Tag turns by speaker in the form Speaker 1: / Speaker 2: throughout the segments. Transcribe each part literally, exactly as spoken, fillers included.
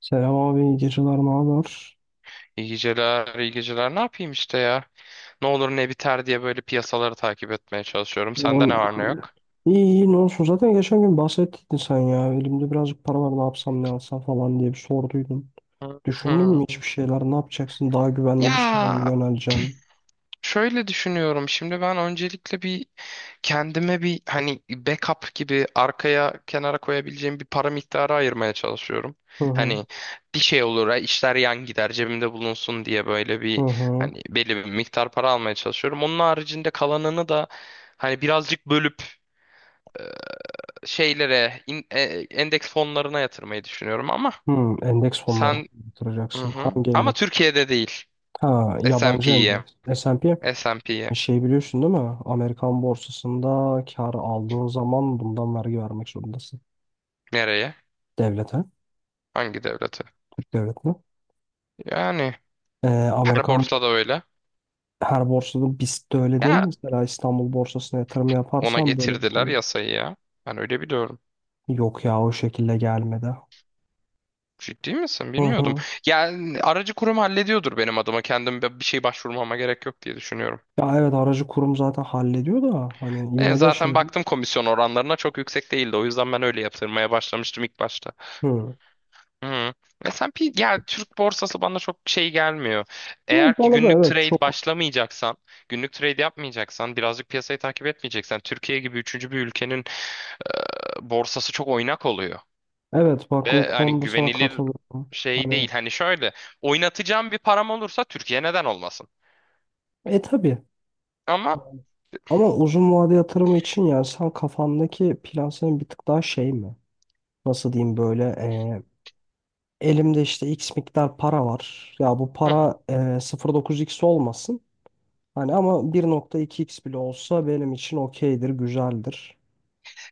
Speaker 1: Selam abi, iyi geceler, ne haber?
Speaker 2: İyi geceler, iyi geceler. Ne yapayım işte ya? Ne olur ne biter diye böyle piyasaları takip etmeye çalışıyorum. Sende
Speaker 1: Oğlum,
Speaker 2: ne var ne
Speaker 1: abi.
Speaker 2: yok?
Speaker 1: İyi iyi ne olsun. Zaten geçen gün bahsettin sen ya. Elimde birazcık para var, ne yapsam ne alsam falan diye bir sorduydun.
Speaker 2: Hı
Speaker 1: Düşündün mü
Speaker 2: hı.
Speaker 1: hiçbir şeyler? Ne yapacaksın? Daha güvenli bir şeye mi
Speaker 2: Ya
Speaker 1: yöneleceksin?
Speaker 2: şöyle düşünüyorum. Şimdi ben öncelikle bir kendime bir hani backup gibi arkaya kenara koyabileceğim bir para miktarı ayırmaya çalışıyorum.
Speaker 1: Hı hı.
Speaker 2: Hani bir şey olur, ha, işler yan gider, cebimde bulunsun diye böyle
Speaker 1: Hı
Speaker 2: bir
Speaker 1: hı.
Speaker 2: hani belli bir miktar para almaya çalışıyorum. Onun haricinde kalanını da hani birazcık bölüp şeylere, in- e- endeks fonlarına yatırmayı düşünüyorum ama
Speaker 1: Hı, endeks fonları
Speaker 2: sen hı
Speaker 1: yatıracaksın.
Speaker 2: hı.
Speaker 1: Hangi
Speaker 2: Ama
Speaker 1: endeks?
Speaker 2: Türkiye'de değil.
Speaker 1: Ha, yabancı
Speaker 2: S and P'ye.
Speaker 1: endeks. es end pi.
Speaker 2: S and P'ye.
Speaker 1: Şey biliyorsun değil mi? Amerikan borsasında kar aldığın zaman bundan vergi vermek zorundasın.
Speaker 2: Nereye?
Speaker 1: Devlete.
Speaker 2: Hangi devlete?
Speaker 1: Türk devletine.
Speaker 2: Yani
Speaker 1: Ee,
Speaker 2: her
Speaker 1: Amerikan
Speaker 2: borsada öyle.
Speaker 1: her borsada biz de öyle değil mi?
Speaker 2: Ya
Speaker 1: Mesela İstanbul borsasına yatırım
Speaker 2: ona
Speaker 1: yaparsam böyle bir
Speaker 2: getirdiler
Speaker 1: konu.
Speaker 2: yasayı ya. Ben öyle biliyorum.
Speaker 1: Yok ya, o şekilde gelmedi.
Speaker 2: Ciddi misin?
Speaker 1: Hı
Speaker 2: Bilmiyordum.
Speaker 1: hı.
Speaker 2: Yani aracı kurum hallediyordur benim adıma. Kendim bir bir şey başvurmama gerek yok diye düşünüyorum.
Speaker 1: Ya evet, aracı kurum zaten hallediyor da hani
Speaker 2: E,
Speaker 1: yine de
Speaker 2: zaten
Speaker 1: şey.
Speaker 2: baktım komisyon oranlarına çok yüksek değildi. O yüzden ben öyle yatırmaya başlamıştım ilk başta.
Speaker 1: Hı.
Speaker 2: Hı. S and P ya Türk borsası bana çok şey gelmiyor.
Speaker 1: Hı,
Speaker 2: Eğer ki
Speaker 1: bana da
Speaker 2: günlük
Speaker 1: evet
Speaker 2: trade
Speaker 1: çok.
Speaker 2: başlamayacaksan, günlük trade yapmayacaksan, birazcık piyasayı takip etmeyeceksen, Türkiye gibi üçüncü bir ülkenin e, borsası çok oynak oluyor.
Speaker 1: Evet bak, o
Speaker 2: Ve hani
Speaker 1: konuda sana
Speaker 2: güvenilir
Speaker 1: katılıyorum.
Speaker 2: şey değil.
Speaker 1: Hani
Speaker 2: Hani şöyle oynatacağım bir param olursa Türkiye neden olmasın?
Speaker 1: e tabii.
Speaker 2: Ama
Speaker 1: Ama uzun vade yatırımı için, yani sen kafandaki plan senin bir tık daha şey mi? Nasıl diyeyim böyle e, elimde işte X miktar para var. Ya bu
Speaker 2: hı hı.
Speaker 1: para e, sıfır virgül dokuz x olmasın. Hani ama bir nokta iki x bile olsa benim için okeydir, güzeldir.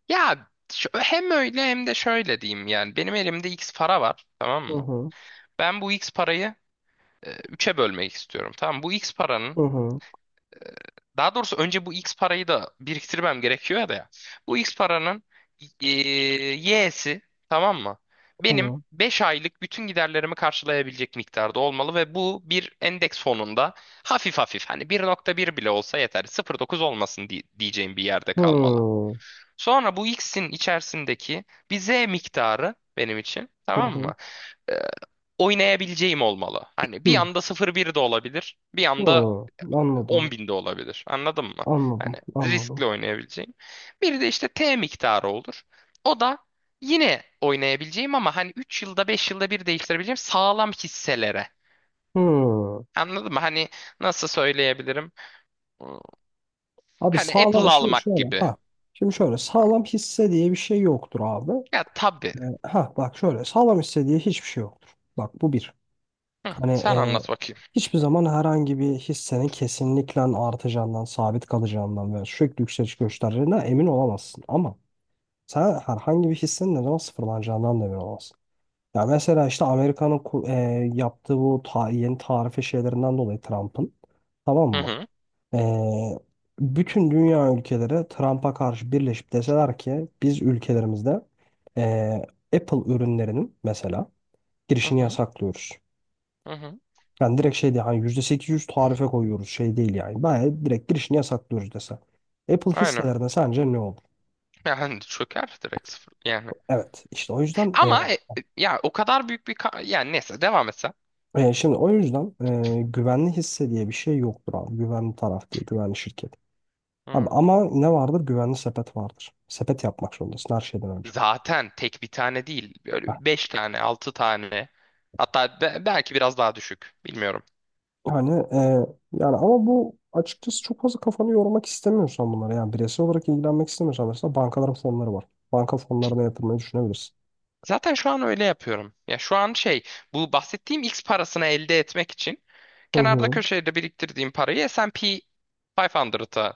Speaker 2: Ya şu- hem öyle hem de şöyle diyeyim, yani benim elimde X para var, tamam
Speaker 1: Hı
Speaker 2: mı?
Speaker 1: hı,
Speaker 2: Ben bu X parayı e, üçe bölmek istiyorum. Tamam, bu X
Speaker 1: hı
Speaker 2: paranın,
Speaker 1: hı,
Speaker 2: daha doğrusu önce bu X parayı da biriktirmem gerekiyor ya da ya. Bu X paranın e, Y'si, tamam mı? Benim
Speaker 1: tamam.
Speaker 2: beş aylık bütün giderlerimi karşılayabilecek miktarda olmalı ve bu bir endeks fonunda hafif hafif, hani bir nokta bir bile olsa yeter, sıfır nokta dokuz olmasın diye- diyeceğim bir yerde
Speaker 1: Hı
Speaker 2: kalmalı.
Speaker 1: hı,
Speaker 2: Sonra bu X'in içerisindeki bir Z miktarı benim için,
Speaker 1: hı
Speaker 2: tamam
Speaker 1: hı,
Speaker 2: mı, Ee, oynayabileceğim olmalı. Hani bir anda sıfır nokta bir de olabilir, bir anda
Speaker 1: hı.
Speaker 2: on
Speaker 1: Anladım,
Speaker 2: binde olabilir. Anladın mı? Hani
Speaker 1: anladım,
Speaker 2: riskli
Speaker 1: anladım.
Speaker 2: oynayabileceğim. Bir de işte T miktarı olur. O da yine oynayabileceğim, ama hani üç yılda beş yılda bir değiştirebileceğim sağlam hisselere.
Speaker 1: Hı.
Speaker 2: Anladın mı? Hani nasıl söyleyebilirim?
Speaker 1: Abi
Speaker 2: Hani
Speaker 1: sağlam,
Speaker 2: Apple
Speaker 1: şimdi
Speaker 2: almak
Speaker 1: şöyle,
Speaker 2: gibi.
Speaker 1: ha. Şimdi şöyle, sağlam hisse diye bir şey yoktur abi.
Speaker 2: Ya tabii.
Speaker 1: Ee, ha bak şöyle, sağlam hisse diye hiçbir şey yoktur. Bak, bu bir.
Speaker 2: Hı,
Speaker 1: Hani
Speaker 2: sen
Speaker 1: e,
Speaker 2: anlat bakayım.
Speaker 1: hiçbir zaman herhangi bir hissenin kesinlikle artacağından, sabit kalacağından ve sürekli yükseliş göstereceğinden emin olamazsın. Ama sen herhangi bir hissin ne zaman sıfırlanacağından da emin olamazsın. Ya mesela işte Amerika'nın ku- e, yaptığı bu ta- yeni tarife şeylerinden dolayı Trump'ın, tamam
Speaker 2: Hı
Speaker 1: mı?
Speaker 2: hı.
Speaker 1: E, bütün dünya ülkeleri Trump'a karşı birleşip deseler ki biz ülkelerimizde e, Apple ürünlerinin mesela
Speaker 2: Hı
Speaker 1: girişini
Speaker 2: hı.
Speaker 1: yasaklıyoruz.
Speaker 2: Hı hı.
Speaker 1: Yani direkt şey değil, hani yüzde sekiz yüz tarife koyuyoruz şey değil yani. Bayağı direkt girişini yasaklıyoruz dese. Apple
Speaker 2: Aynen.
Speaker 1: hisselerine sence ne olur?
Speaker 2: Yani çöker, direkt sıfır. Yani.
Speaker 1: Evet işte o yüzden e,
Speaker 2: Ama e, e, ya o kadar büyük bir ka- yani neyse, devam etsen.
Speaker 1: E, şimdi o yüzden e, güvenli hisse diye bir şey yoktur abi. Güvenli taraf diye, güvenli şirket. Abi ama ne vardır? Güvenli sepet vardır. Sepet yapmak zorundasın her şeyden önce.
Speaker 2: Zaten tek bir tane değil.
Speaker 1: Heh.
Speaker 2: Böyle beş tane, altı tane. Hatta be- belki biraz daha düşük. Bilmiyorum.
Speaker 1: Yani e, yani ama bu açıkçası, çok fazla kafanı yormak istemiyorsan bunlara, yani bireysel olarak ilgilenmek istemiyorsan, mesela bankaların fonları var. Banka fonlarına yatırmayı düşünebilirsin.
Speaker 2: Zaten şu an öyle yapıyorum. Ya şu an şey, bu bahsettiğim X parasını elde etmek için
Speaker 1: Hı
Speaker 2: kenarda
Speaker 1: hı.
Speaker 2: köşede biriktirdiğim parayı S and P beş yüze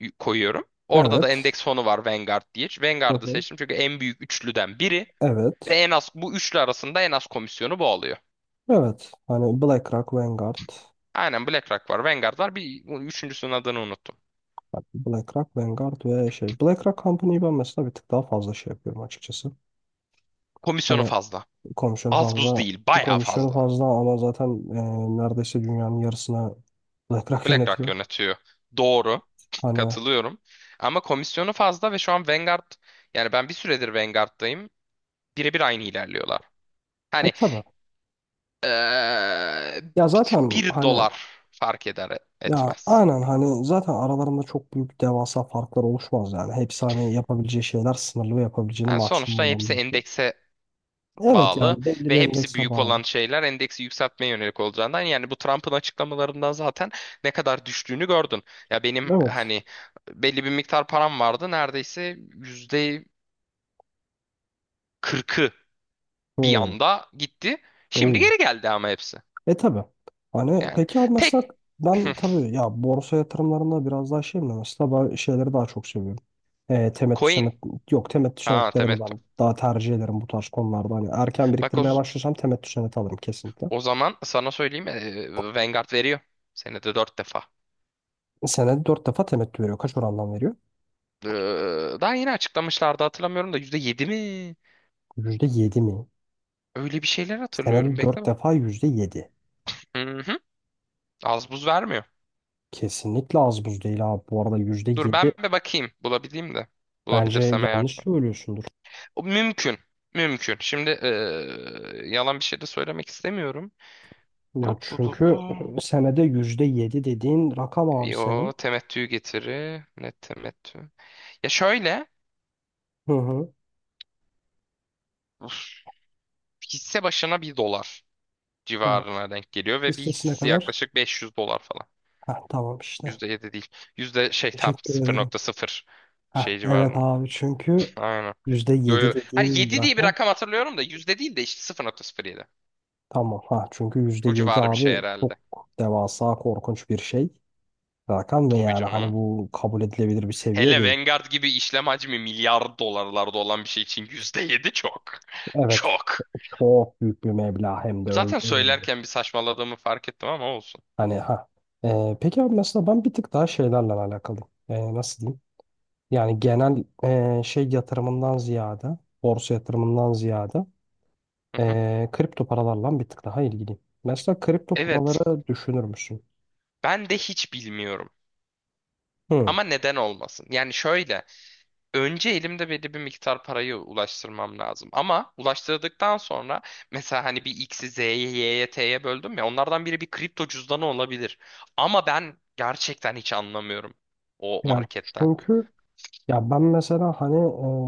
Speaker 2: y- koyuyorum. Orada da
Speaker 1: Evet.
Speaker 2: endeks fonu var, Vanguard diye.
Speaker 1: Hı
Speaker 2: Vanguard'ı
Speaker 1: hı.
Speaker 2: seçtim, çünkü en büyük üçlüden biri
Speaker 1: Evet.
Speaker 2: ve en az bu üçlü arasında en az komisyonu bu oluyor.
Speaker 1: Evet. Hani BlackRock, Vanguard.
Speaker 2: Aynen, BlackRock var, Vanguard var. Bir üçüncüsünün adını unuttum.
Speaker 1: Bak, BlackRock, Vanguard ve şey. BlackRock Company'yi ben mesela bir tık daha fazla şey yapıyorum açıkçası.
Speaker 2: Komisyonu
Speaker 1: Hani
Speaker 2: fazla.
Speaker 1: Komisyonu
Speaker 2: Az buz
Speaker 1: fazla
Speaker 2: değil, bayağı
Speaker 1: komisyonu
Speaker 2: fazla.
Speaker 1: fazla ama zaten e, neredeyse dünyanın yarısına Black
Speaker 2: BlackRock
Speaker 1: yönetiyor.
Speaker 2: yönetiyor. Doğru.
Speaker 1: Hani
Speaker 2: Katılıyorum. Ama komisyonu fazla ve şu an Vanguard, yani ben bir süredir Vanguard'dayım. Birebir aynı ilerliyorlar.
Speaker 1: e,
Speaker 2: Hani
Speaker 1: tabii.
Speaker 2: eee,
Speaker 1: Ya zaten
Speaker 2: bir
Speaker 1: hani
Speaker 2: dolar fark eder
Speaker 1: ya
Speaker 2: etmez.
Speaker 1: aynen, hani zaten aralarında çok büyük devasa farklar oluşmaz yani. Hepsi hani yapabileceği şeyler sınırlı ve yapabileceğini
Speaker 2: Yani sonuçta
Speaker 1: maksimum olan
Speaker 2: hepsi
Speaker 1: yapıyor.
Speaker 2: endekse
Speaker 1: Evet,
Speaker 2: bağlı
Speaker 1: yani belli
Speaker 2: ve
Speaker 1: bir
Speaker 2: hepsi
Speaker 1: endekse
Speaker 2: büyük olan
Speaker 1: bağlı.
Speaker 2: şeyler endeksi yükseltmeye yönelik olacağından, yani bu Trump'ın açıklamalarından zaten ne kadar düştüğünü gördün. Ya benim
Speaker 1: Evet.
Speaker 2: hani belli bir miktar param vardı, neredeyse yüzde kırkı bir
Speaker 1: Hı.
Speaker 2: anda gitti. Şimdi
Speaker 1: Oo.
Speaker 2: geri geldi ama hepsi.
Speaker 1: E tabii. Hani
Speaker 2: Yani
Speaker 1: peki abi
Speaker 2: tek
Speaker 1: mesela ben tabii ya, borsa yatırımlarında biraz daha şeyim de mesela ben şeyleri daha çok seviyorum. E, temettü
Speaker 2: coin.
Speaker 1: senet yok, temettü
Speaker 2: Ha,
Speaker 1: senetlerini
Speaker 2: temettü.
Speaker 1: ben daha tercih ederim bu tarz konularda. Hani erken
Speaker 2: Bak, o,
Speaker 1: biriktirmeye başlasam temettü seneti alırım kesinlikle.
Speaker 2: o zaman sana söyleyeyim, e, Vanguard veriyor. Senede dört defa.
Speaker 1: Senede dört defa temettü veriyor. Kaç orandan veriyor?
Speaker 2: Ee, daha yeni açıklamışlardı, hatırlamıyorum da, yüzde yedi mi?
Speaker 1: Yüzde yedi mi?
Speaker 2: Öyle bir şeyler hatırlıyorum.
Speaker 1: Senede
Speaker 2: Bekle
Speaker 1: dört
Speaker 2: bak.
Speaker 1: defa yüzde yedi.
Speaker 2: Hı hı. Az buz vermiyor.
Speaker 1: Kesinlikle az buz değil abi. Bu arada yüzde
Speaker 2: Dur,
Speaker 1: yedi
Speaker 2: ben bir bakayım, bulabileyim de.
Speaker 1: bence
Speaker 2: Bulabilirsem eğer.
Speaker 1: yanlış söylüyorsundur.
Speaker 2: O mümkün. Mümkün. Şimdi ee, yalan bir şey de söylemek istemiyorum.
Speaker 1: Ya
Speaker 2: Tut tut
Speaker 1: çünkü
Speaker 2: tut.
Speaker 1: senede yüzde yedi dediğin rakam abi
Speaker 2: Yo,
Speaker 1: senin.
Speaker 2: temettü getiri. Net temettü. Ya şöyle,
Speaker 1: Hı hı.
Speaker 2: uf, hisse başına bir dolar
Speaker 1: Ya,
Speaker 2: civarına denk geliyor ve bir
Speaker 1: listesine
Speaker 2: hissesi
Speaker 1: kadar.
Speaker 2: yaklaşık beş yüz dolar falan.
Speaker 1: Heh, tamam işte.
Speaker 2: Yüzde yedi değil. Yüzde şey, tam
Speaker 1: Teşekkür ederim.
Speaker 2: sıfır nokta sıfır
Speaker 1: Heh,
Speaker 2: şey
Speaker 1: evet
Speaker 2: civarında.
Speaker 1: abi, çünkü
Speaker 2: Aynen.
Speaker 1: yüzde
Speaker 2: Yo,
Speaker 1: yedi
Speaker 2: yo. Hani
Speaker 1: dediğin
Speaker 2: yedi diye bir
Speaker 1: rakam.
Speaker 2: rakam hatırlıyorum da, yüzde değil de işte sıfır nokta sıfır yedi.
Speaker 1: Tamam. Ha, çünkü yüzde
Speaker 2: O
Speaker 1: yedi
Speaker 2: civarı bir şey
Speaker 1: abi çok
Speaker 2: herhalde.
Speaker 1: devasa korkunç bir şey. Rakam ve
Speaker 2: Tabii
Speaker 1: yani hani
Speaker 2: canım.
Speaker 1: bu kabul edilebilir bir seviye
Speaker 2: Hele
Speaker 1: değil.
Speaker 2: Vanguard gibi işlem hacmi milyar dolarlarda olan bir şey için yüzde yedi çok.
Speaker 1: Evet.
Speaker 2: Çok.
Speaker 1: Çok büyük bir meblağ, hem de öyle
Speaker 2: Zaten
Speaker 1: böyle. bir-
Speaker 2: söylerken bir saçmaladığımı fark ettim ama olsun.
Speaker 1: Hani ha. Ee, peki abi mesela ben bir tık daha şeylerle alakalıyım. Ee, nasıl diyeyim? Yani genel ee, şey yatırımından ziyade, borsa yatırımından ziyade Ee, kripto paralarla bir tık daha ilgiliyim. Mesela kripto
Speaker 2: Evet,
Speaker 1: paraları düşünür müsün?
Speaker 2: ben de hiç bilmiyorum.
Speaker 1: Hı.
Speaker 2: Ama neden olmasın? Yani şöyle, önce elimde belli bir miktar parayı ulaştırmam lazım. Ama ulaştırdıktan sonra mesela hani bir X'i Z'ye, Y'ye, T'ye böldüm ya, onlardan biri bir kripto cüzdanı olabilir. Ama ben gerçekten hiç anlamıyorum o
Speaker 1: Yani
Speaker 2: marketten.
Speaker 1: çünkü ya ben mesela hani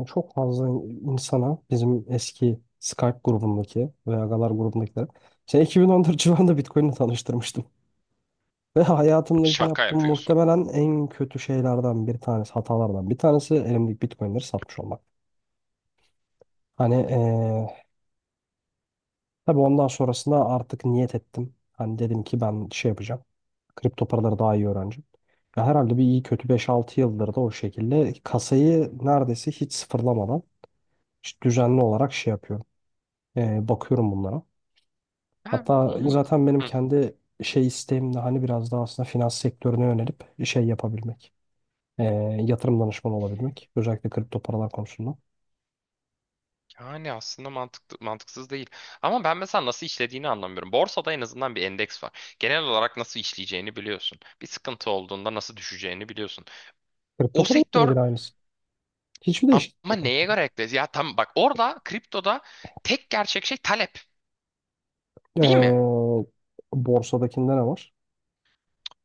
Speaker 1: e, çok fazla insana bizim eski Skype grubundaki veya Galar grubundakiler şey iki bin on dört civarında Bitcoin'le tanıştırmıştım. Ve hayatımdaki
Speaker 2: Şaka
Speaker 1: yaptığım
Speaker 2: yapıyorsun.
Speaker 1: muhtemelen en kötü şeylerden bir tanesi, hatalardan bir tanesi elimdeki Bitcoin'leri satmış olmak. Hani e, tabii, ondan sonrasında artık niyet ettim. Hani dedim ki ben şey yapacağım. Kripto paraları daha iyi öğrencim. Ya herhalde bir iyi kötü beş altı yıldır da o şekilde kasayı neredeyse hiç sıfırlamadan işte düzenli olarak şey yapıyorum. Ee, bakıyorum bunlara.
Speaker 2: Ben
Speaker 1: Hatta
Speaker 2: onun...
Speaker 1: zaten benim kendi şey isteğim de hani biraz daha aslında finans sektörüne yönelip şey yapabilmek. Ee, yatırım danışmanı olabilmek. Özellikle kripto paralar konusunda.
Speaker 2: Yani aslında mantıklı, mantıksız değil. Ama ben mesela nasıl işlediğini anlamıyorum. Borsada en azından bir endeks var. Genel olarak nasıl işleyeceğini biliyorsun. Bir sıkıntı olduğunda nasıl düşeceğini biliyorsun.
Speaker 1: Kripto
Speaker 2: O
Speaker 1: paralar
Speaker 2: sektör
Speaker 1: birebir aynısı. Hiçbir değişiklik
Speaker 2: ama
Speaker 1: yok
Speaker 2: neye
Speaker 1: aslında.
Speaker 2: göre ekledi? Ya tam bak, orada kriptoda tek gerçek şey talep. Değil mi?
Speaker 1: Ee, borsadakinde ne var?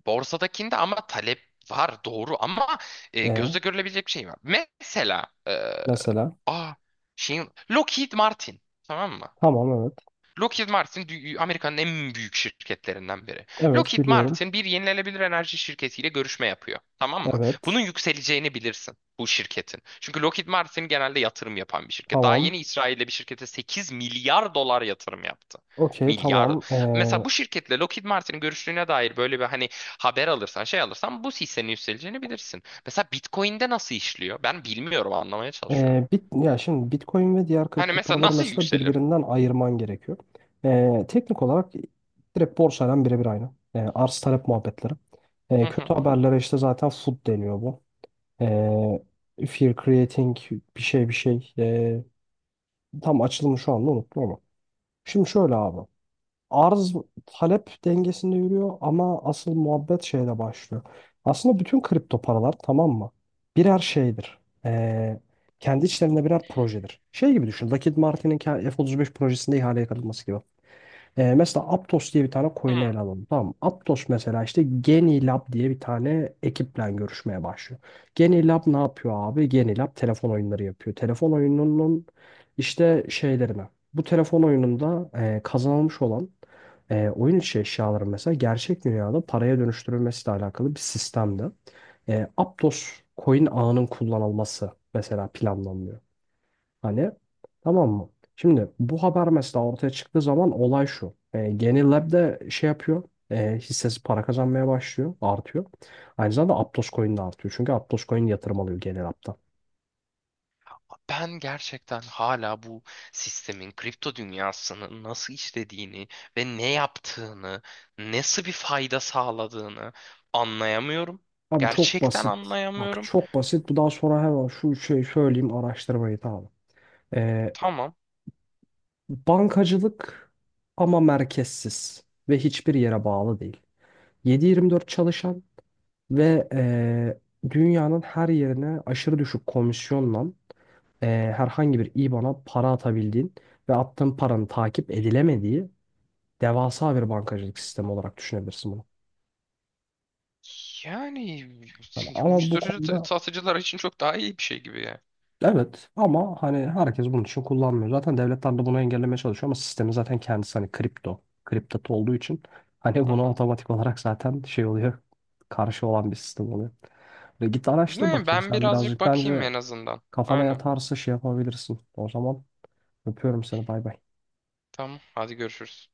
Speaker 2: Borsadakinde ama talep var, doğru, ama e,
Speaker 1: Ee,
Speaker 2: gözle görülebilecek bir şey var. Mesela e,
Speaker 1: mesela
Speaker 2: aa, şeyin, Lockheed Martin, tamam mı?
Speaker 1: tamam, evet.
Speaker 2: Lockheed Martin dü- Amerika'nın en büyük şirketlerinden biri.
Speaker 1: Evet
Speaker 2: Lockheed
Speaker 1: biliyorum.
Speaker 2: Martin bir yenilenebilir enerji şirketiyle görüşme yapıyor. Tamam mı?
Speaker 1: Evet.
Speaker 2: Bunun yükseleceğini bilirsin, bu şirketin. Çünkü Lockheed Martin genelde yatırım yapan bir şirket. Daha
Speaker 1: Tamam.
Speaker 2: yeni İsrail'de bir şirkete sekiz milyar dolar yatırım yaptı.
Speaker 1: Okey
Speaker 2: Milyar.
Speaker 1: tamam. Ee,
Speaker 2: Mesela bu şirketle Lockheed Martin'in görüştüğüne dair böyle bir hani haber alırsan, şey alırsan, bu hissenin yükseleceğini bilirsin. Mesela Bitcoin'de nasıl işliyor? Ben bilmiyorum, anlamaya çalışıyorum.
Speaker 1: e, bit ya şimdi Bitcoin ve diğer
Speaker 2: Hani
Speaker 1: kripto
Speaker 2: mesela
Speaker 1: paraları
Speaker 2: nasıl
Speaker 1: mesela
Speaker 2: yükselir?
Speaker 1: birbirinden ayırman gerekiyor. Ee, teknik olarak direkt borsayla birebir aynı. Ee, arz talep muhabbetleri.
Speaker 2: Hı
Speaker 1: Ee, kötü
Speaker 2: hı.
Speaker 1: haberlere işte zaten FUD deniyor bu. Ee, fear creating bir şey bir şey. Ee, tam açılımı şu anda unuttum ama. Şimdi şöyle abi. Arz talep dengesinde yürüyor ama asıl muhabbet şeyle başlıyor. Aslında bütün kripto paralar, tamam mı? Birer şeydir. Ee, kendi içlerinde birer projedir. Şey gibi düşün. Lockheed Martin'in ke- F otuz beş projesinde ihaleye katılması gibi. Ee, mesela Aptos diye bir tane coin'i
Speaker 2: Hı.
Speaker 1: ele alalım. Tamam mı? Aptos mesela işte Genilab diye bir tane ekiple görüşmeye başlıyor. Genilab ne yapıyor abi? Genilab telefon oyunları yapıyor. Telefon oyununun işte şeylerine. Bu telefon oyununda e, kazanılmış olan e, oyun içi eşyaların mesela gerçek dünyada paraya dönüştürülmesiyle alakalı bir sistemde. E, Aptos coin ağının kullanılması mesela planlanıyor. Hani, tamam mı? Şimdi bu haber mesela ortaya çıktığı zaman olay şu. E, Geni Lab şey yapıyor. E, hissesi para kazanmaya başlıyor. Artıyor. Aynı zamanda Aptos Coin de artıyor. Çünkü Aptos Coin yatırım alıyor Geni Lab'dan.
Speaker 2: Ben gerçekten hala bu sistemin, kripto dünyasının nasıl işlediğini ve ne yaptığını, nasıl bir fayda sağladığını anlayamıyorum.
Speaker 1: Abi çok
Speaker 2: Gerçekten
Speaker 1: basit. Bak
Speaker 2: anlayamıyorum.
Speaker 1: çok basit. Bu daha sonra hemen şu şey söyleyeyim, araştırmayı tamam. E,
Speaker 2: Tamam.
Speaker 1: bankacılık ama merkezsiz ve hiçbir yere bağlı değil. yedi yirmi dört çalışan ve e, dünyanın her yerine aşırı düşük komisyonla e, herhangi bir IBAN'a para atabildiğin ve attığın paranın takip edilemediği devasa bir bankacılık sistemi olarak düşünebilirsin bunu.
Speaker 2: Yani
Speaker 1: Hani ama bu
Speaker 2: uyuşturucu t-
Speaker 1: konuda
Speaker 2: satıcılar için çok daha iyi bir şey gibi ya.
Speaker 1: evet, ama hani herkes bunun için kullanmıyor. Zaten devletler de bunu engellemeye çalışıyor ama sistemin zaten kendisi, hani kripto, kripto olduğu için hani
Speaker 2: Hı
Speaker 1: buna
Speaker 2: hı.
Speaker 1: otomatik olarak zaten şey oluyor. Karşı olan bir sistem oluyor. Ve git araştır
Speaker 2: Ne,
Speaker 1: bakayım
Speaker 2: ben
Speaker 1: sen
Speaker 2: birazcık
Speaker 1: birazcık,
Speaker 2: bakayım
Speaker 1: bence
Speaker 2: en azından.
Speaker 1: kafana
Speaker 2: Aynen.
Speaker 1: yatarsa şey yapabilirsin. O zaman öpüyorum seni, bay bay.
Speaker 2: Tamam. Hadi görüşürüz.